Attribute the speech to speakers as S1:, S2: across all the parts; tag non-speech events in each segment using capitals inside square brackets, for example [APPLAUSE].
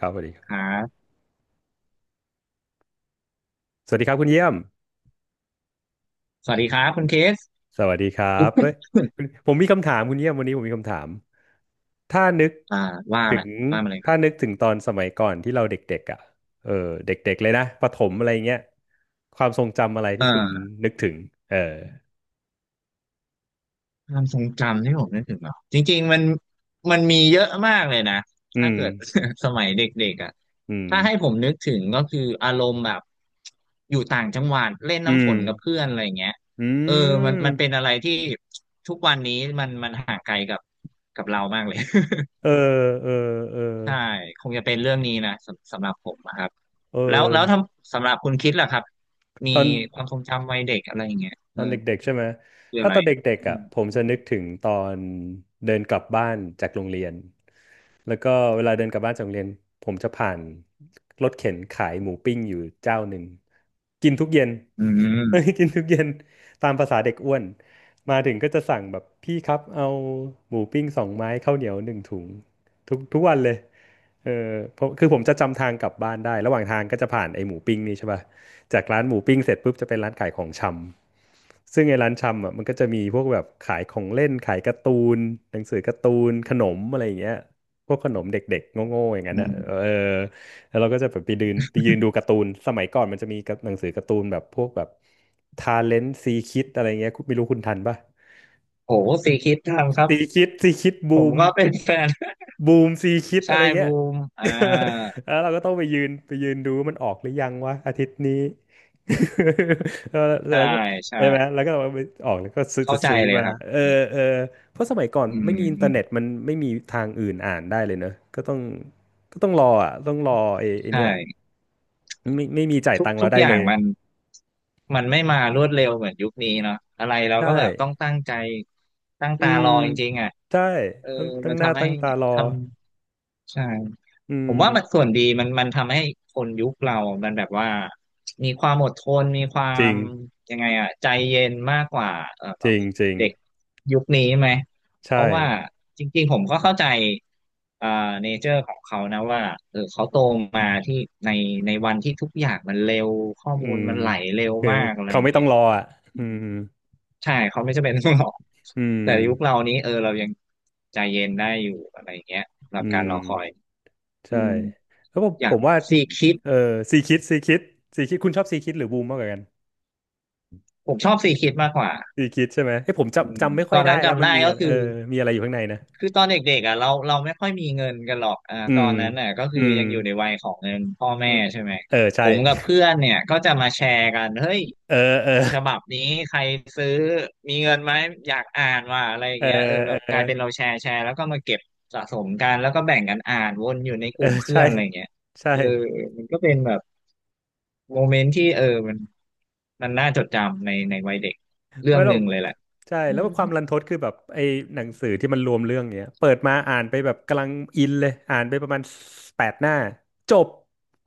S1: ครับสวัสดีครั
S2: ครั
S1: บ
S2: บ
S1: สวัสดีครับคุณเยี่ยม
S2: สวัสดีครับคุณเคส
S1: สวัสดีครับเฮ้ย
S2: [COUGHS]
S1: คุณผมมีคำถามคุณเยี่ยมวันนี้ผมมีคำถามถ้านึก
S2: [LAUGHS] อ่าว่า
S1: ถึ
S2: แหละ
S1: ง
S2: ว่ามาเลยครั
S1: ถ้า
S2: บ
S1: นึกถึงตอนสมัยก่อนที่เราเด็กๆอ่ะเออเด็กๆเลยนะประถมอะไรเงี้ยความทรงจำอะไรที่คุณ
S2: เออ
S1: นึกถึงเออ
S2: ความทรงจำที่ผมนึกถึงเหรอจริงๆมันมีเยอะมากเลยนะ
S1: อื
S2: ถ้า
S1: ม
S2: เกิด [LAUGHS] สมัยเด็กๆอ่ะ
S1: อืม
S2: ถ้าให้ผมนึกถึงก็คืออารมณ์แบบอยู่ต่างจังหวัดเล่น
S1: อื
S2: น้ำฝ
S1: ม
S2: นกับเพื่อนอะไรอย่างเงี้ย
S1: อื
S2: เออมันเป็นอะ
S1: ม
S2: ไรที่ทุกวันนี้มันห่างไกลกับเรามากเลย [LAUGHS]
S1: เออเออเออ
S2: ใช่คงจะเป็นเรื่องนี้นะสำหรับผมนะครับ
S1: เอ
S2: แล้ว
S1: อ
S2: แล้วทำสำหรับคุณคิดล่ะครับมี
S1: ตอน
S2: ความทรงจำวัยเด็กอะไรอย่างเงี้ย
S1: ต
S2: เอ
S1: อ
S2: อ
S1: นเด็กๆใช่ไหม
S2: คือ
S1: ถ้า
S2: อะไร
S1: ตอนเด
S2: อ่ะ
S1: ็ก
S2: อื
S1: ๆอ่ะ
S2: ม
S1: ผมจะนึกถึงตอนเดินกลับบ้านจากโรงเรียนแล้วก็เวลาเดินกลับบ้านจากโรงเรียนผมจะผ่านรถเข็นขายหมูปิ้งอยู่เจ้าหนึ่งกินทุกเย็น
S2: อืม
S1: [LAUGHS] กินทุกเย็นตามภาษาเด็กอ้วนมาถึงก็จะสั่งแบบพี่ครับเอาหมูปิ้งสองไม้ข้าวเหนียวหนึ่งถุงทุกวันเลยเออผมคือผมจะจำทางกลับบ้านได้ระหว่างทางก็จะผ่านไอ้หมูปิ้งนี่ใช่ป่ะ จากร้านหมูปิ้งเสร็จปุ๊บจะเป็นร้านขายของชำซึ่งไอ้ร้านชำอ่ะมันก็จะมีพวกแบบขายของเล่นขายการ์ตูนหนังสือการ์ตูนขนมอะไรอย่างเงี้ยพวกขนมเด็กๆโง่ๆอย่างนั้น
S2: อื
S1: อ่ะ
S2: ม
S1: เออแล้วเราก็จะแบบไปยืนดูการ์ตูนสมัยก่อนมันจะมีกับหนังสือการ์ตูนแบบพวกแบบทาเลนต์ซีคิดอะไรเงี้ยคุณไม่รู้คุณทันป่ะ
S2: โหสีคิดทำครับ
S1: ซีคิดซีคิด
S2: ผ
S1: บู
S2: ม
S1: ม
S2: ก็เป็นแฟน [LAUGHS]
S1: บูมซีคิด
S2: ใช่
S1: อะไรเงี้
S2: บู
S1: ย
S2: ม
S1: [LAUGHS] แล้วเราก็ต้องไปยืนดูว่ามันออกหรือยังวะอาทิตย์นี้ [LAUGHS] แล้ว
S2: ใช่
S1: แล้วก็
S2: ใช่
S1: ใช่ไหมแล้วก็เอาไปออกแล้วก็ซื้อ
S2: เข้า
S1: จะ
S2: ใจ
S1: ซื้อ
S2: เลย
S1: มา
S2: ครับ
S1: เออเออเพราะสมัยก่อน
S2: อืม
S1: ไม่มีอินเท
S2: อื
S1: อ
S2: ม
S1: ร์เน็ตมันไม่มีทางอื่นอ่านได้เลยเนอะ ก็ต้องรออ่ะต้องรอไอ้
S2: ใช
S1: เนี่ย
S2: ่
S1: ไม่มีจ่าย
S2: ทุก
S1: ตังค์
S2: ทุ
S1: เรา
S2: ก
S1: ได้
S2: อย่า
S1: เล
S2: ง
S1: ย
S2: มันมันไม่มารวดเร็วเหมือนยุคนี้เนาะอะไรเรา
S1: ใช่
S2: ก็แบบต้องตั้งใจตั้ง
S1: อื
S2: ตา
S1: ม
S2: รอจริงๆอ่ะ
S1: ใช่
S2: เออ
S1: ต้องตั้
S2: มั
S1: ง
S2: น
S1: หน้า
S2: ทำให้
S1: ตั้งตารอ
S2: ทำใช่
S1: อื
S2: ผมว่ามัน
S1: ม
S2: ส่วนดีมันทำให้คนยุคเรามันแบบว่ามีความอดทนมีควา
S1: จริ
S2: ม
S1: ง
S2: ยังไงอะใจเย็นมากกว่าเอ่อ
S1: จริงจริง
S2: เด็กยุคนี้ไหมเพ
S1: ใช่
S2: ราะว่าจริงๆผมก็เข้าใจเอ่อเนเจอร์ของเขานะว่าเออเขาโตมาที่ในในวันที่ทุกอย่างมันเร็วข้อ
S1: อื
S2: มูล
S1: ม
S2: มันไหลเร็ว
S1: คือ
S2: มากอะไร
S1: เขา
S2: อย่า
S1: ไม่
S2: ง
S1: ต้อ
S2: เงี้
S1: ง
S2: ย
S1: รออ่ะอืม
S2: ใช่เขาไม่จำเป็นต้องหรอก
S1: อืม
S2: แต่ยุคเรานี้เออเรายังใจเย็นได้อยู่อะไรอย่างเงี้ยสำหรั
S1: อื
S2: บการ
S1: ม
S2: รอคอยอื
S1: ใช่
S2: ม
S1: แล้วผม
S2: อยา
S1: ผ
S2: ก
S1: มว่า
S2: ซีคิด
S1: เออซีคิดซีคิดซีคิดคุณชอบซีคิดหรือบูมมากกว่ากัน
S2: ผมชอบซีคิดมากกว่า
S1: ซีคิดใช่ไหมเฮ้ยผม
S2: อืม
S1: จำไม่ค่
S2: ต
S1: อ
S2: อ
S1: ย
S2: น
S1: ได้
S2: นั้น
S1: แล้ว
S2: จำ
S1: มัน
S2: ได้
S1: มี
S2: ก็
S1: อะเอ
S2: คื
S1: อ
S2: อ
S1: มีอะไรอยู่ข้างในนะ
S2: คือตอนเด็กๆอ่ะเราไม่ค่อยมีเงินกันหรอกอ่า
S1: อื
S2: ตอ
S1: ม
S2: นนั้นน่ะก็คื
S1: อื
S2: อ
S1: ม
S2: ยังอยู่ในวัยของเงินพ่อ
S1: อื
S2: แม่
S1: ม
S2: ใช่ไหม
S1: เออ
S2: ผ
S1: ใช่
S2: มกับ
S1: [LAUGHS]
S2: เพื่อนเนี่ยก็จะมาแชร์กันเฮ้ย
S1: เออเออ
S2: ฉบับนี้ใครซื้อมีเงินไหมอยากอ่านว่าอะไรอย่า
S1: เอ
S2: ง
S1: อ
S2: เงี้ยเออ
S1: เอ
S2: เรา
S1: อ
S2: กลายเป็นเราแชร์แล้วก็มาเก็บสะสมกันแล้วก็แบ่งกันอ่านวนอยู่ในก
S1: เออ
S2: ลุ่มเพื่
S1: ใช่
S2: อนอะไรอย่างเงี้ย
S1: ใช่
S2: เออมันก็เป็นแบบโมเมนต์ที่เออมันมันน่าจดจำในวัยเด็กเรื่อ
S1: ไม่
S2: ง
S1: หร
S2: ห
S1: อก
S2: นึ่งเลยแหละ
S1: ใช่
S2: อื
S1: แล้ว
S2: ม
S1: ความรันทดคือแบบไอ้หนังสือที่มันรวมเรื่องเนี้ยเปิดมาอ่านไปแบบกำลังอินเลยอ่านไปประมาณแปดหน้าจบ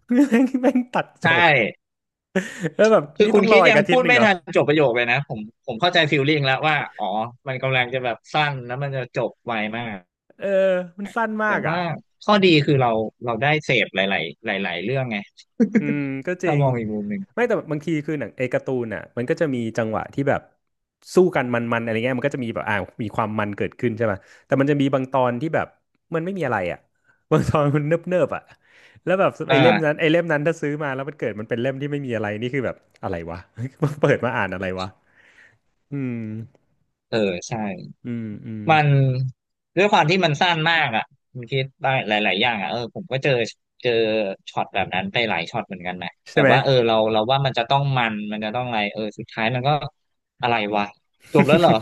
S1: [LAUGHS] แม่งตัดจ
S2: ใช่
S1: บแล้วแบบ
S2: คือ
S1: นี่
S2: คุ
S1: ต้อ
S2: ณ
S1: งร
S2: คิ
S1: อ
S2: ด
S1: อีก
S2: ยัง
S1: อาทิต
S2: พู
S1: ย์
S2: ด
S1: หนึ่ง
S2: ไม่
S1: เหรอ
S2: ทันจบประโยคเลยนะผมผมเข้าใจฟีลลิ่งแล้วว่าอ๋อมันกำลังจะแบบสั้นแล้วมันจะจบไวมาก
S1: เออมันสั้นมา
S2: แต่
S1: กอ่ะ
S2: ว่าข้อดีคือเราได้เสพหลายๆหลายๆเรื่องไง
S1: อืมก็
S2: [LAUGHS]
S1: จริ
S2: ถ้า
S1: ง
S2: มองอีกมุมหนึ่ง
S1: ไม่แต่บางทีคือหนังไอ้การ์ตูนอ่ะมันก็จะมีจังหวะที่แบบสู้กันมันๆอะไรเงี้ยมันก็จะมีแบบอ่ามีความมันเกิดขึ้นใช่ไหมแต่มันจะมีบางตอนที่แบบมันไม่มีอะไรอ่ะ [LAUGHS] บางตอนมันเนิบๆอ่ะแล้วแบบไอ้เล่มนั้น
S2: อ่า
S1: ไอ้เล่มนั้นถ้าซื้อมาแล้วมันเกิดมันเป็นเล่มที่ไม่มีอะไรนี่คือแบบอะไรวะ [LAUGHS] เปิดมาอ่านอะไรวะอืม
S2: เออใช่
S1: อืมอืม
S2: มันด้วยความที่มันสั้นมากอ่ะมันคิดได้หลายๆอย่างอ่ะเออผมก็เจอช็อตแบบนั้นไปหลายช็อตเหมือนกันนะแบ
S1: ใช่
S2: บ
S1: ไหม
S2: ว่าเออเราว่ามันจะต้องมันจะต้องอะไรเออสุดท้ายมันก็อะไรวะจบแล้วเหรอ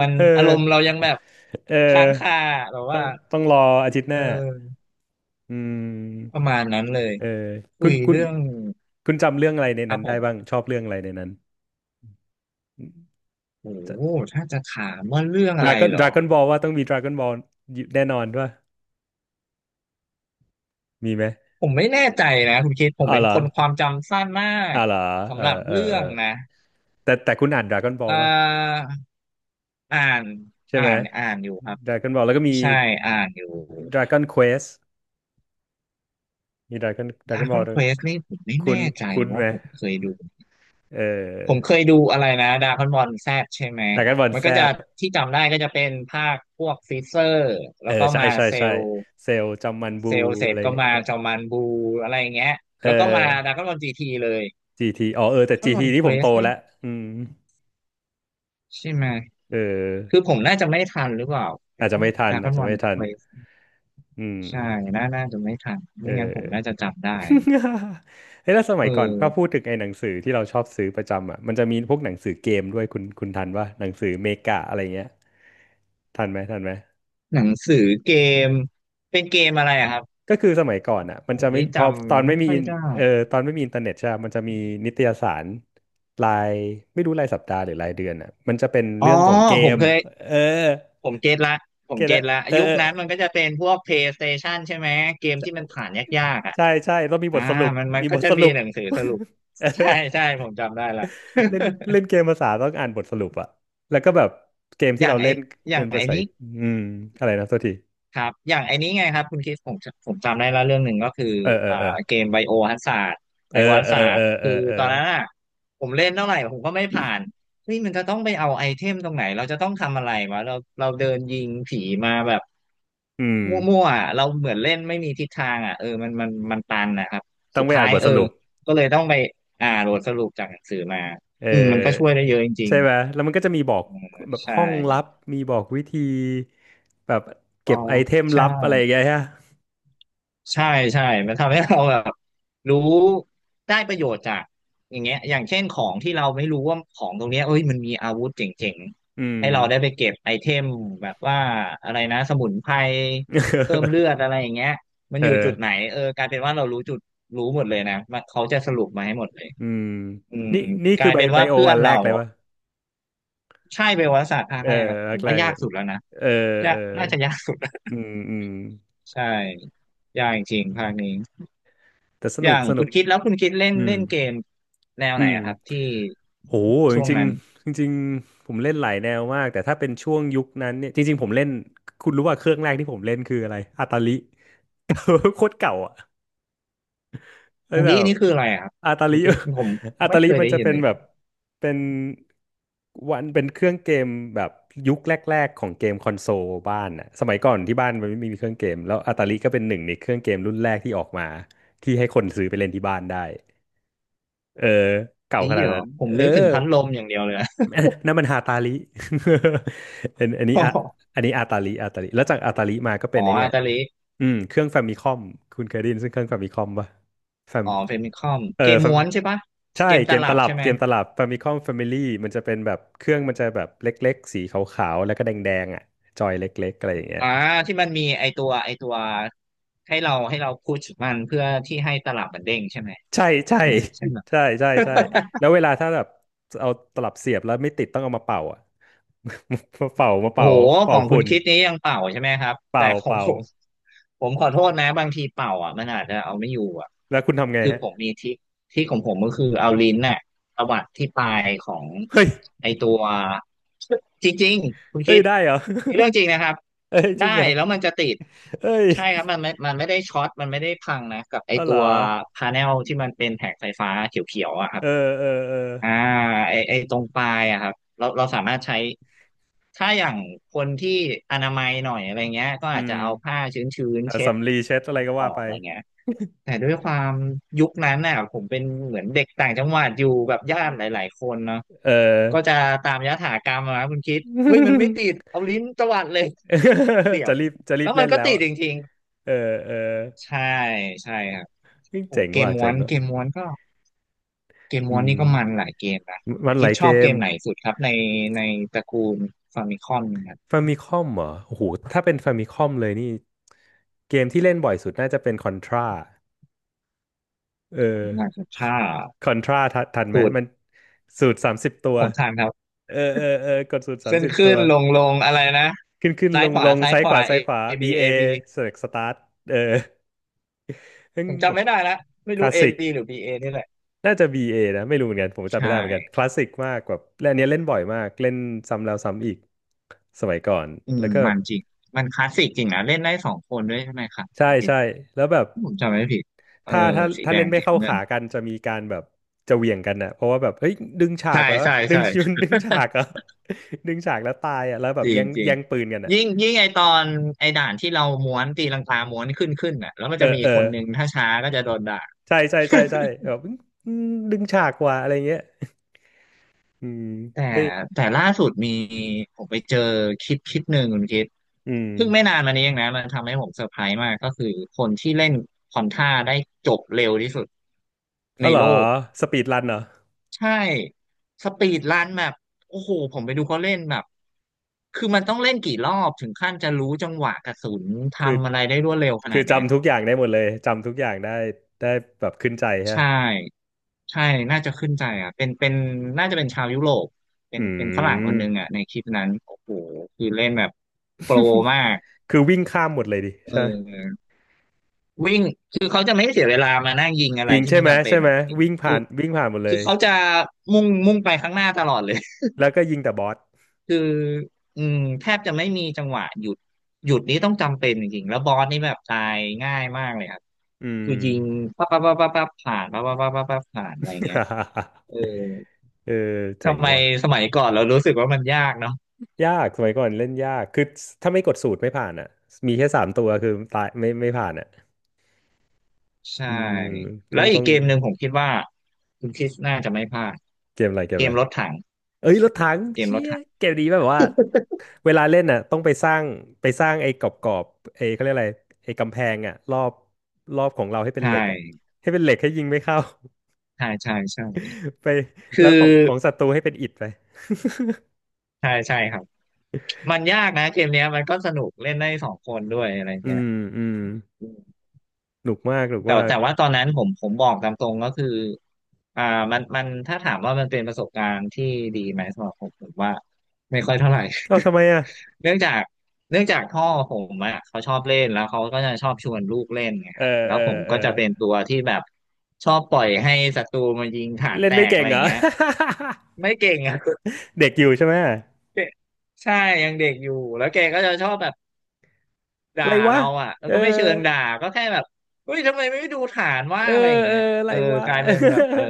S2: มัน
S1: [LAUGHS] เอ
S2: อารมณ์เรา
S1: อ
S2: ยังแบบ
S1: เอ
S2: ค้า
S1: อ
S2: งคาแบบ
S1: ต้
S2: ว่า
S1: องต้องรออาทิตย์ห
S2: เอ
S1: น้า
S2: อ
S1: อื
S2: ประ
S1: ม
S2: มาณนั้นเลย
S1: เออ
S2: คุ
S1: คุณ
S2: ย
S1: คุณ
S2: เรื่อง
S1: คุณจำเรื่องอะไรใน
S2: ครั
S1: นั้
S2: บ
S1: น
S2: ผ
S1: ได้บ้า
S2: ม
S1: งชอบเรื่องอะไรในนั้น
S2: โอ้โหถ้าจะถามว่าเรื่อง
S1: ด
S2: อะ
S1: รา
S2: ไร
S1: ก้อน
S2: เหร
S1: ด
S2: อ
S1: ราก้อนบอลว่าต้องมีดราก้อนบอลแน่นอนด้วยมีไหม
S2: ผมไม่แน่ใจนะคุณคิดผ
S1: อ๋
S2: ม
S1: อ
S2: เป็
S1: เห
S2: น
S1: รอ
S2: คนความจำสั้นมาก
S1: อ๋อเหรอเอ
S2: สำ
S1: อ
S2: หรับ
S1: เออ
S2: เรื่
S1: เอ
S2: อ
S1: อ
S2: งนะ
S1: แต่คุณอ่านดราก้อนบอล
S2: เอ่
S1: ป่ะ
S2: ออ่าน
S1: ใช่ไหม
S2: อยู่ครับ
S1: ดราก้อนบอลแล้วก็มี
S2: ใช่อ่านอยู่
S1: ดราก้อนเควสมีดราก้อนบอ
S2: Dragon
S1: ล
S2: Quest นี่ผมไม่
S1: คุณ
S2: แน่ใจ
S1: คุณไห
S2: ว่า
S1: ม
S2: ผมเคยดู
S1: เอ
S2: ผม
S1: อ
S2: เคยดูอะไรนะ Dragon Ball Z ใช่ไหม
S1: ดราก้อนบอล
S2: มัน
S1: แซ
S2: ก็จะ
S1: ด
S2: ที่จำได้ก็จะเป็นภาคพวกฟิเซอร์
S1: เอ
S2: แล้
S1: อ
S2: วก็
S1: ใช่
S2: มา
S1: ใช่
S2: เซ
S1: ใช่
S2: ลล์
S1: เซลจอมมันบู
S2: เซลล์เสร็
S1: อะ
S2: จ
S1: ไรอย่า
S2: ก็
S1: งเงี้
S2: มาจ
S1: ย
S2: อมันบูอะไรอย่างเงี้ย
S1: เอ
S2: แล้วก็มา
S1: อ
S2: Dragon Ball GT เลย
S1: GT อ๋อเออแต่
S2: Dragon
S1: GT
S2: Ball
S1: นี่ผมโต
S2: Quest นี่
S1: แล้วอืม
S2: ใช่ไหม
S1: เอ
S2: คือ
S1: อ
S2: ผมน่าจะไม่ทันหรือเปล่า
S1: อาจจะ
S2: Dragon
S1: ไม่ทันอาจ
S2: Dragon
S1: จะไม่
S2: Ball
S1: ทัน
S2: Quest
S1: อืม
S2: ใช่น่าจะไม่ทัน
S1: เอ
S2: ไม่งั้นผมน่าจะ
S1: อ
S2: จำได้
S1: [LAUGHS]
S2: นะ
S1: เฮ้ยแล้วสมั
S2: เออ
S1: ยก่อนถ้าพูดถึงไอ้หนังสือที่เราชอบซื้อประจำอ่ะมันจะมีพวกหนังสือเกมด้วยคุณทันว่าหนังสือเมกะอะไรเงี้ยทันไหมทันไหม
S2: หนังสือเกม เป็นเกมอะไรอะครับ
S1: ก็คือสมัยก่อนอ่ะมัน
S2: ผ
S1: จะ
S2: ม
S1: ไม่
S2: นี่จ
S1: พอตอน
S2: ำ
S1: ไม่
S2: ไม่
S1: มี
S2: ค่อย
S1: อิน
S2: ได้
S1: เออตอนไม่มีอินเทอร์เน็ตใช่ปะมันจะมีนิตยสารรายไม่รู้รายสัปดาห์หรือรายเดือนอ่ะมันจะเป็น
S2: อ๋อ
S1: เรื่องของเก
S2: ผม
S1: ม
S2: เคย
S1: เออ
S2: ผมเก็ตละผม
S1: เก็ต
S2: เก็
S1: ละ
S2: ตละ
S1: เออ
S2: ยุค
S1: เออ
S2: นั้นมันก็จะเป็นพวก PlayStation ใช่ไหม เกมที่มันผ่านยากๆอ่ะ
S1: ใช่ใช่ใช่ต้องมีบ
S2: อ่า
S1: ทสรุป
S2: มันมัน
S1: มี
S2: ก็
S1: บท
S2: จะ
S1: ส
S2: มี
S1: รุป
S2: หนังสือสรุป
S1: [LAUGHS] เออ
S2: ใช่ใช่ผมจำได้ละ
S1: เล่นเล่นเกมภาษาต้องอ่านบทสรุปอะแล้วก็แบบเกม
S2: [LAUGHS] อ
S1: ที่
S2: ย่าง
S1: เรา
S2: ไอ
S1: เล่น
S2: อย่า
S1: เป็
S2: ง
S1: นภา
S2: ไอ
S1: ษา
S2: นี้
S1: อืมอะไรนะโทษที
S2: ครับอย่างไอ้นี้ไงครับคุณคริดผมผมจำได้แล้วเรื่องหนึ่งก็คือ
S1: เออเออ
S2: อ่า
S1: เออ
S2: เกมไบโอฮัซาร์ดไบ
S1: เอ
S2: โอ
S1: อ
S2: ฮั
S1: เออ
S2: ซาร์
S1: เอ
S2: ด
S1: อเอ
S2: คือ
S1: อเออ
S2: ตอนนั้นอ่ะผมเล่นเท่าไหร่ผมก็ไม่ผ่านเฮ้ยมันจะต้องไปเอาไอเทมตรงไหนเราจะต้องทำอะไรวะเราเราเดินยิงผีมาแบบ
S1: อืม
S2: มั่วๆอ่ะเราเหมือนเล่นไม่มีทิศทางอ่ะเออมันตันนะครับ
S1: ต้อง
S2: สุด
S1: ไปอ่า
S2: ท้า
S1: น
S2: ย
S1: บท
S2: เอ
S1: ส
S2: อ
S1: รุป
S2: ก็เลยต้องไปโหลดสรุปจากหนังสือมา
S1: เอ
S2: อืมมันก็ช่วย
S1: อ
S2: ได้เยอะจริ
S1: ใช่
S2: ง
S1: ไหมแล้วมันก็จะมีบอกแบบ
S2: ๆใช่
S1: ห้องลับมีบอกวิธีแบบ
S2: อ๋อ
S1: เก็บไอเทม
S2: ใช่
S1: ลับอะไรอย่างเงี้ยฮะ
S2: ใช่ใช่มันทำให้เราแบบรู้ได้ประโยชน์จากอย่างเงี้ยอย่างเช่นของที่เราไม่รู้ว่าของตรงเนี้ยเอ้ยมันมีอาวุธเจ๋ง
S1: อืม
S2: ๆให้เราได้ไปเก็บไอเทมแบบว่าอะไรนะสมุนไพรเพิ่มเลือด
S1: [LAUGHS]
S2: อะไรอย่างเงี้ยมัน
S1: เอ
S2: อยู่
S1: อ
S2: จุดไหนเออกลายเป็นว่าเรารู้จุดรู้หมดเลยนะมันเขาจะสรุปมาให้หมดเลย
S1: อืม
S2: อืม
S1: นี่นี่
S2: ก
S1: คื
S2: ลา
S1: อ
S2: ย
S1: ไบ
S2: เป็น
S1: ไบ
S2: ว่า
S1: โอ
S2: เพื่อน
S1: อันแร
S2: เรา
S1: กเลยวะ
S2: ใช่เบลศาสตร์ภา
S1: เอ
S2: ค
S1: อ
S2: แรกครับ
S1: แร
S2: ผ
S1: ก
S2: ม
S1: แร
S2: ว่า
S1: ก
S2: ยา
S1: เล
S2: ก
S1: ย
S2: สุดแล้วนะ
S1: เออ
S2: ยา
S1: เออ
S2: กน่าจะยากสุด
S1: อืมอืม
S2: [LAUGHS] ใช่ยากจริงๆภาคนี้
S1: แต่ส
S2: อ
S1: นุ
S2: ย่า
S1: ก
S2: ง
S1: ส
S2: คุ
S1: นุก
S2: ณคิดแล้วคุณคิดเล่น
S1: อื
S2: เล่
S1: ม
S2: นเกมแนว
S1: อื
S2: ไหน
S1: ม
S2: อะครับที่
S1: โหจ
S2: ช่วง
S1: ริง
S2: นั้น
S1: ๆจริงๆผมเล่นหลายแนวมากแต่ถ้าเป็นช่วงยุคนั้นเนี่ยจริงๆผมเล่นคุณรู้ว่าเครื่องแรกที่ผมเล่นคืออะไรอาตาลิ [LAUGHS] โคตรเก่าอ่ะแล้วแบ
S2: ลิ
S1: บ
S2: นี่คืออะไรอะครับ
S1: อาตา
S2: คุ
S1: ลิ
S2: ณคิดผม
S1: [LAUGHS] อา
S2: ไม่
S1: ตาลิ
S2: เคย
S1: มัน
S2: ได้
S1: จะ
S2: ยิน
S1: เป็น
S2: เลย
S1: แบบเป็นวันเป็นเครื่องเกมแบบยุคแรกๆของเกมคอนโซลบ้านอ่ะสมัยก่อนที่บ้านมันไม่มีเครื่องเกมแล้วอาตาลิก็เป็นหนึ่งในเครื่องเกมรุ่นแรกที่ออกมาที่ให้คนซื้อไปเล่นที่บ้านได้เออเก่า
S2: ลิ
S1: ขนาด
S2: เหรอ
S1: นั้น
S2: ผม
S1: เออ
S2: นึกถึงพัดลมอย่างเดียวเลยอะ
S1: นั่นมันฮาตาลิ [LAUGHS] อันนี้อะ
S2: [LAUGHS]
S1: อันนี้อาตาลิอาตาลิแล้วจากอาตาลิมาก็เป็
S2: อ๋
S1: น
S2: อ
S1: ไอเนี่
S2: อา
S1: ย
S2: ตาลิ
S1: อืมเครื่องแฟมิคอมคุณเคยได้ยินซึ่งเครื่องแฟมิคอมป่ะแฟม
S2: อ๋อเฟมิคอม
S1: เออ
S2: เกม
S1: แฟม
S2: ม้วนใช่ปะ
S1: ใช่
S2: เกมต
S1: เกมต
S2: ลับ
S1: ลับ
S2: ใช่ไหม
S1: เกมตลับแฟมิคอมแฟมิลี่มันจะเป็นแบบเครื่องมันจะแบบเล็กๆสีขาวๆแล้วก็แดงๆอ่ะจอยเล็กๆอะไรอย่างเงี้ย
S2: อ่าที่มันมีไอตัวให้เราพุชมันเพื่อที่ให้ตลับมันเด้งใช่ไหม
S1: ใช่ใช่
S2: ใช่ไหมใช่ไหม
S1: [LAUGHS] ใช่ใช่ใช่แล้วเวลาถ้าแบบเอาตลับเสียบแล้วไม่ติดต้องเอามาเป่าอ่ะ [LAUGHS] มาเป่ามา
S2: โอ้
S1: เป่า
S2: โหข
S1: เป่า
S2: องคุ
S1: ฝุ่
S2: ณ
S1: น
S2: คิดนี้ยังเป่าใช่ไหมครับแต่
S1: เป่า
S2: ของ
S1: เป่า
S2: [LAUGHS] ผมขอโทษนะบางทีเป่าอ่ะมันอาจจะเอาไม่อยู่อ่ะ
S1: แล้วคุณทำไง
S2: คือ
S1: ฮะ
S2: ผมมีทริคทริคของผมก็คือเอาลิ้นน่ะตวัดที่ปลายของ
S1: เฮ้ย
S2: ไอตัวจริงๆคุณ
S1: เฮ้
S2: คิ
S1: ย
S2: ด
S1: ได้เหรอ
S2: นี่เรื่องจริงนะครับ
S1: [LAUGHS] เฮ้ยจริง
S2: ได้
S1: เหรอ
S2: แล้วมันจะติด
S1: เฮ้ย
S2: ใช่ครับมันไม่ได้ช็อตมันไม่ได้พังนะกับไอ
S1: อ๋อเห
S2: ตั
S1: รอ
S2: วพาเนลที่มันเป็นแผงไฟฟ้าเขียวๆอ่ะครั
S1: เอ
S2: บ
S1: อเออเออ
S2: อ่าไอตรงปลายอะครับเราสามารถใช้ถ้าอย่างคนที่อนามัยหน่อยอะไรเงี้ยก็
S1: อื
S2: อาจจะ
S1: ม
S2: เอาผ้าชื้นๆ
S1: เอา
S2: เช็ด
S1: สำลีเช็ด
S2: ต
S1: อะ
S2: ร
S1: ไร
S2: ง
S1: ก็
S2: ข
S1: ว่า
S2: อบ
S1: ไป
S2: อะไรเงี้ยแต่ด้วยความยุคนั้นน่ะผมเป็นเหมือนเด็กต่างจังหวัดอยู่แบบญาติหลายๆคนเนาะ
S1: เออ
S2: ก็จะตามยถากรรมอะนะคุณคิดเฮ้ยมันไม่ติดเอาลิ้นตวัดเลยเสี
S1: [LAUGHS]
S2: ย
S1: จะ
S2: บ
S1: รีบจะรี
S2: แล้
S1: บ
S2: วมั
S1: เล่
S2: น
S1: น
S2: ก็
S1: แล้ว
S2: ติด
S1: อ่ะ
S2: จริง
S1: เออเออ
S2: ๆใช่ใช่ครับ
S1: เฮ้ย
S2: โอ้
S1: เจ๋ง
S2: เก
S1: ว่ะ
S2: มม้
S1: เจ๋
S2: ว
S1: ง
S2: น
S1: ว่ะ
S2: เกมม้วนก็ เกมม
S1: อื
S2: อนนี่ก็มัน
S1: ม
S2: หลายเกมนะ
S1: มันห
S2: คิ
S1: ลา
S2: ด
S1: ย
S2: ช
S1: เก
S2: อบเก
S1: ม
S2: มไหนสุดครับในตระกูลฟามิคอมนะครับ
S1: ฟามิคอมเหรอโอ้โหถ้าเป็นฟามิคอมเลยนี่เกมที่เล่นบ่อยสุดน่าจะเป็นคอนทราเออ
S2: น่าจะถ้า
S1: คอนทราทันไหม
S2: สุด
S1: มันสูตรสามสิบตัว
S2: ผมทานครับ
S1: เออเออเออกดสูตรสาม
S2: ขึ้น
S1: สิบ
S2: ขึ้
S1: ตัว
S2: นลงลงอะไรนะ
S1: ขึ้นขึ้น
S2: ซ้า
S1: ล
S2: ย
S1: ง
S2: ขวา
S1: ลง
S2: ซ้าย
S1: ซ้าย
S2: ข
S1: ข
S2: วา
S1: วา
S2: A
S1: ซ้ายขวา
S2: A B
S1: BA
S2: A B
S1: เสร็จสตาร์ทเออ [LAUGHS] ซึ่ง
S2: ผม
S1: แบ
S2: จำ
S1: บ
S2: ไม่ได้แล้วไม่
S1: ค
S2: รู้
S1: ลาส
S2: A
S1: สิก
S2: B หรือ B A นี่แหละ
S1: น่าจะ BA นะไม่รู้เหมือนกันผมจำ
S2: ใช่
S1: ไม่ได้เหมือนกันคลาสสิกมากแบบและอันเนี้ยเล่นบ่อยมากเล่นซ้ำแล้วซ้ำอีกสมัยก่อน
S2: อื
S1: แล้
S2: ม
S1: วก็
S2: มันจริงมันคลาสสิกจริงนะเล่นได้สองคนด้วยใช่ไหมครับ
S1: ใช่ใช่แล้วแบบ
S2: ผมจำไม่ผิดเออ
S1: ถ้าถ้า
S2: สี
S1: ถ้า
S2: แด
S1: เล่
S2: ง
S1: นไม่
S2: สี
S1: เข้า
S2: น้ำเงิ
S1: ขา
S2: น
S1: กันจะมีการแบบจะเหวี่ยงกันนะเพราะว่าแบบเฮ้ยดึงฉา
S2: ใช่
S1: กเหรอ
S2: ใช่
S1: ดึง
S2: ใช่
S1: ชุน [LAUGHS] ดึงฉากเหรอ [LAUGHS] ดึงฉากแล้วตายอ่ะแล้วแบบ
S2: จริ
S1: แย่
S2: ง
S1: ง
S2: จริง
S1: แย่งปืนกันอ่ะ
S2: ยิ่งยิ่งไอตอนไอด่านที่เราม้วนตีลังกาม้วนขึ้นขึ้นอ่ะแล้วมัน
S1: เออ
S2: จะมี
S1: เออ
S2: คนหนึ่งถ้าช้าก็จะโดนด่า
S1: ใช่ใช่ใช่ใช่แบ
S2: [LAUGHS]
S1: บอืมดึงฉากกว่าอะไรเงี้ย อืม
S2: แต่
S1: ไม่
S2: ล่าสุดมีผมไปเจอคลิปคลิปหนึ่งคุณคิด
S1: อืม
S2: เพิ่งไม่นานมานี้เองนะมันทำให้ผมเซอร์ไพรส์มากก็คือคนที่เล่นควอนท่าได้จบเร็วที่สุด
S1: อ๋
S2: ใน
S1: อเหรอ
S2: โลก
S1: สปีดรันเหรอ
S2: ใช่สปีดรันแบบโอ้โหผมไปดูเขาเล่นแบบคือมันต้องเล่นกี่รอบถึงขั้นจะรู้จังหวะกระสุน
S1: คือ
S2: ทำอะไรได้รวดเร็วข
S1: คื
S2: นา
S1: อ
S2: ดเนี้ย
S1: จำทุกอย่างได้หมดเลยจำทุกอย่างได้ได้แบบขึ้นใจ
S2: ใช
S1: ฮะ
S2: ่ใช่น่าจะขึ้นใจอ่ะเป็นน่าจะเป็นชาวยุโรปเป็
S1: อื
S2: นเป็นฝรั่งคนหนึ่งอ่ะ
S1: ม
S2: ในคลิปนั้นโอ้โหคือเล่นแบบโปรมาก
S1: คือวิ่งข้ามหมดเลยดิ
S2: เ
S1: ใช่ไหม
S2: ออวิ่งคือเขาจะไม่เสียเวลามานั่งยิงอะไร
S1: ยิง
S2: ที่
S1: ใช่
S2: ไม่
S1: ไหม
S2: จำเป็
S1: ใช่
S2: น
S1: ไหม
S2: อ่ะคือ
S1: วิ่งผ่านวิ่งผ่านหมดเล
S2: คือ
S1: ย
S2: เขาจะมุ่งมุ่งไปข้างหน้าตลอดเลย
S1: แล้วก็ยิงแต่บอส
S2: [LAUGHS] คืออืมแทบจะไม่มีจังหวะหยุดหยุดนี้ต้องจำเป็นจริงๆแล้วบอสนี่แบบตายง่ายมากเลยครับ
S1: อื
S2: คือ
S1: ม
S2: ยิงปั๊บปั๊บปั๊บปั๊บปั๊บผ่านปั๊บปั๊บปั๊บปั๊บปั๊บผ่านอะไรเงี้ย
S1: [LAUGHS]
S2: เออ
S1: เออเจ๋ง
S2: ทำไม
S1: ว่ะ
S2: สมัยก่อนเรารู้สึกว่ามันยากเนาะ
S1: ยากสมัยก่อนเล่นยากคือถ้าไม่กดสูตรไม่ผ่านอ่ะมีแค่สามตัวคือตายไม่ผ่านอ่ะ
S2: ใช่
S1: อืมต้อ
S2: แล้
S1: ง
S2: วอี
S1: ต้อ
S2: ก
S1: ง
S2: เกมหนึ่งผมคิดว่าคุณคริสน่าจะไม่พลาด
S1: เกมอะไรเกม
S2: เก
S1: อะ
S2: ม
S1: ไร
S2: รถถัง
S1: เอ้ยรถถัง
S2: เกมร
S1: เชี่
S2: ถ
S1: ย
S2: ถัง
S1: เกมนี้แบบว่าเวลาเล่นน่ะต้องไปสร้างไปสร้างไอ้กรอบๆไอ้เขาเรียกอะไรไอ้กำแพงอ่ะรอบรอบของเราให้เป็
S2: ใช
S1: นเหล็กอ่ะ
S2: ่
S1: ให้เป็นเหล็กให้ยิงไม่เข้า
S2: ใช่ใช่ใช่
S1: [LAUGHS] ไป
S2: คือ
S1: แล้วของของศัตรูให้เป็นอิฐไป
S2: ใช่ใช่ครับมันยากนะเกมเนี้ยมันก็สนุกเล่นได้สองคนด้วยอะไร
S1: อื
S2: เงี้ย
S1: มอืมหนุกมากหนุก
S2: แต่
S1: มาก
S2: ว่าตอนนั้นผมบอกตามตรงก็คืออ่ามันถ้าถามว่ามันเป็นประสบการณ์ที่ดีไหมสำหรับผมว่าไม่ค่อยเท่าไหร่
S1: เอ้าทำไมอ่ะ
S2: [LAUGHS] เนื่องจากพ่อผมอ่ะเขาชอบเล่นแล้วเขาก็จะชอบชวนลูกเล่นไง
S1: เอ
S2: ครับ
S1: อ
S2: แล้ว
S1: เอ
S2: ผ
S1: อ
S2: ม
S1: เออ
S2: ก็จะเป็นตัวที่แบบชอบปล่อยให้ศัตรูมายิงฐาน
S1: เล่น
S2: แต
S1: ไม่
S2: ก
S1: เก่
S2: อะ
S1: ง
S2: ไรอ
S1: เหร
S2: ย่า
S1: อ
S2: งเงี้ยไม่เก่งอ่ะ
S1: [LAUGHS] เด็กอยู่ใช่ไหมอ
S2: [LAUGHS] ใช่ยังเด็กอยู่แล้วแกก็จะชอบแบบ
S1: ะ
S2: ด่า
S1: ไรวะ
S2: เราอ่ะแล้
S1: เอ
S2: ว
S1: อ
S2: ก็ไม่เชิงด่าก็แค่แบบเฮ้ยทำไมไม่ดูฐานว่า
S1: เออ
S2: อะไรอย่าง
S1: เอ
S2: เงี้
S1: อ
S2: ย
S1: อะ
S2: เอ
S1: ไร
S2: อ
S1: วะ
S2: กลายเป็นแบบเออ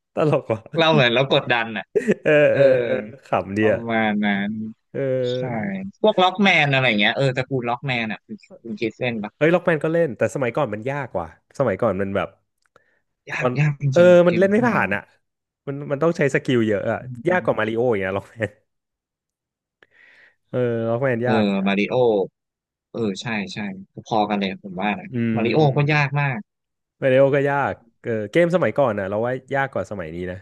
S1: [LAUGHS] ตลกว่ะ
S2: เราเหมือนเราก
S1: [LAUGHS]
S2: ดดันอ่ะ
S1: เออ
S2: เอ
S1: เอ
S2: อ
S1: อเออขำดี
S2: ประ
S1: อะ
S2: มาณนั้น
S1: เอ
S2: ใช่
S1: อ
S2: พวกล็อกแมนอะไรอย่างเงี้ยเออตระกูลล็อกแมนอ่ะคุณคิดเล่นปะ
S1: เฮ้ยล็อกแมนก็เล่นแต่สมัยก่อนมันยากกว่าสมัยก่อนมันแบบ
S2: ยา
S1: ตอ
S2: ก
S1: น
S2: ยากจ
S1: เออ
S2: ริงๆเก
S1: มัน
S2: ม
S1: เล่น
S2: ล็อ
S1: ไม่
S2: กแม
S1: ผ่า
S2: น
S1: นอ่ะมันมันต้องใช้สกิลเยอะอ่ะ
S2: อื
S1: ยากกว่า
S2: ม
S1: มาริโออย่างเงี้ยล็อกแมนเออล็อกแมน
S2: เออ
S1: ยากยาก
S2: มาริโอเออใช่ใช่พอกันเลยผมว่านะ
S1: อืม
S2: มาริโอ
S1: อืม
S2: ก็ยากมาก
S1: มาริโอก็ยากเออเกมสมัยก่อนอ่ะเราว่ายากกว่าสมัยนี้นะ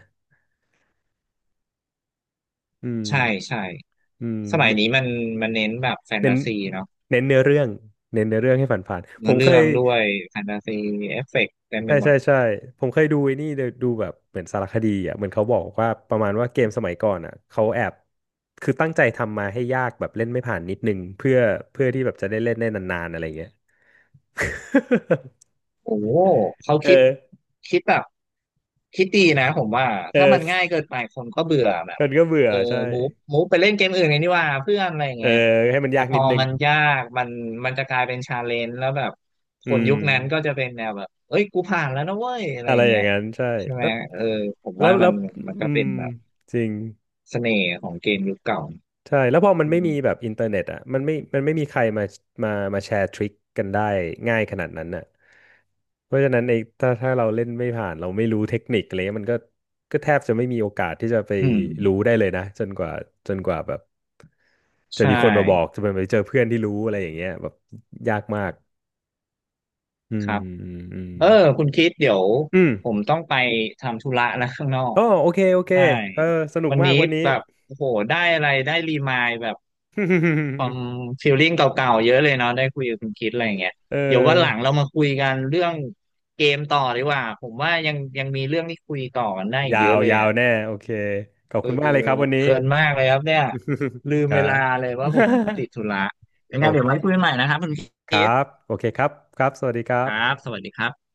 S1: อืม
S2: ใช่ใช่
S1: อื
S2: สมัย
S1: ม
S2: นี้มันเน้นแบบแฟน
S1: เน้
S2: ตา
S1: น
S2: ซีเนาะ
S1: เน้นเนื้อเรื่องเน้นเนื้อเรื่องให้ผ่านๆผ
S2: เนื้
S1: ม
S2: อ
S1: เค
S2: เรื่อ
S1: ย
S2: งด้วยแฟนตาซีเอฟเฟกต์เต็มไป
S1: ใช่
S2: หม
S1: ใช่
S2: ด
S1: ใช่ผมเคยดูไอ้นี่เดี๋ยวดูแบบเหมือนสารคดีอ่ะเหมือนเขาบอกว่าประมาณว่าเกมสมัยก่อนอ่ะเขาแอบคือตั้งใจทำมาให้ยากแบบเล่นไม่ผ่านนิดนึงเพื่อเพื่อที่แบบจะได้เล่นได้นานๆอะไรเงี้ย
S2: โอ้โหเขา
S1: [LAUGHS]
S2: คิด
S1: เออ
S2: คิดแบบคิดดีนะผมว่า
S1: เอ
S2: ถ้ามั
S1: อ
S2: นง่ายเกินไปคนก็เบื่อแบบ
S1: มันก็เบื่อ
S2: เออ
S1: ใช่
S2: มูฟมูฟไปเล่นเกมอื่นกันดีกว่าเพื่อนอะไรอย่าง
S1: เอ
S2: เงี้ย
S1: อให้มัน
S2: แต่
S1: ยาก
S2: พ
S1: นิ
S2: อ
S1: ดนึง
S2: มันยากมันจะกลายเป็นชาเลนจ์แล้วแบบค
S1: อื
S2: น
S1: ม
S2: ยุคนั้นก็จะเป็นแนวแบบเอ้ยกูผ่านแล้วนะเว้ยอะไร
S1: อะ
S2: อ
S1: ไร
S2: ย่าง
S1: อ
S2: เงี้
S1: ย่าง
S2: ย
S1: นั้นใช่
S2: ใช่ไหม
S1: แล้ว
S2: เออผม
S1: แล้
S2: ว่า
S1: วแล้
S2: มั
S1: ว
S2: นก็
S1: อื
S2: เป็
S1: ม
S2: นแบบ
S1: จริง
S2: เสน่ห์ของเกมยุคเก่า
S1: ใช่แล้วพอมัน
S2: อื
S1: ไม่มีแบ
S2: ม
S1: บอินเทอร์เน็ตอ่ะมันไม่มีใครมามาแชร์ทริคกันได้ง่ายขนาดนั้นน่ะเพราะฉะนั้นไอ้ถ้าถ้าเราเล่นไม่ผ่านเราไม่รู้เทคนิคอะไรเงี้ยมันก็แทบจะไม่มีโอกาสที่จะไป
S2: อื
S1: รู้
S2: ม
S1: ได้เลยนะจนกว่าแบบจะ
S2: ใช่
S1: มีคนมาบอกจะไปเจอเพื่อนที่รู้อะไรอย่างเงี้ยแบบยากมากอื
S2: ค
S1: ม
S2: รับ
S1: อืมอืม
S2: เออคุณคิดเดี๋ยว
S1: อืม
S2: ผมต้องไปทำธุระแล้วข้างนอก
S1: อ๋อโอเคโอเค
S2: ใช่
S1: เออสนุก
S2: วัน
S1: มาก
S2: นี้
S1: วันนี้
S2: แบบโอ้โหได้อะไรได้รีมายแบบความฟีลลิ่งเก่าๆเยอะเลยเนาะได้คุยกับคุณคิดอะไรอย่างเงี้ย
S1: [LAUGHS]
S2: เดี๋ยววันหลัง
S1: เออ
S2: เรามาคุยกันเรื่องเกมต่อดีกว่าผมว่ายังมีเรื่องที่คุยต่อกันได้อีก
S1: ยา
S2: เย
S1: ว
S2: อะเลย
S1: ยาว
S2: อ่ะ
S1: แน่โอเคขอบ
S2: เออ
S1: คุณมากเลยครับวันนี้
S2: เพลินมากเลยครับเนี่ยลืม
S1: [LAUGHS] ครั
S2: เวลา
S1: บ
S2: เลย
S1: [LAUGHS]
S2: ว่าผมติดธุระยังไง
S1: โอ
S2: เดี๋ยวไว้
S1: เค
S2: คุยใหม่นะครับคุณ
S1: ค
S2: คิ
S1: รั
S2: ด
S1: บโอเคครับครับสวัสดีครั
S2: ครับ
S1: บ
S2: สวัสดีครับ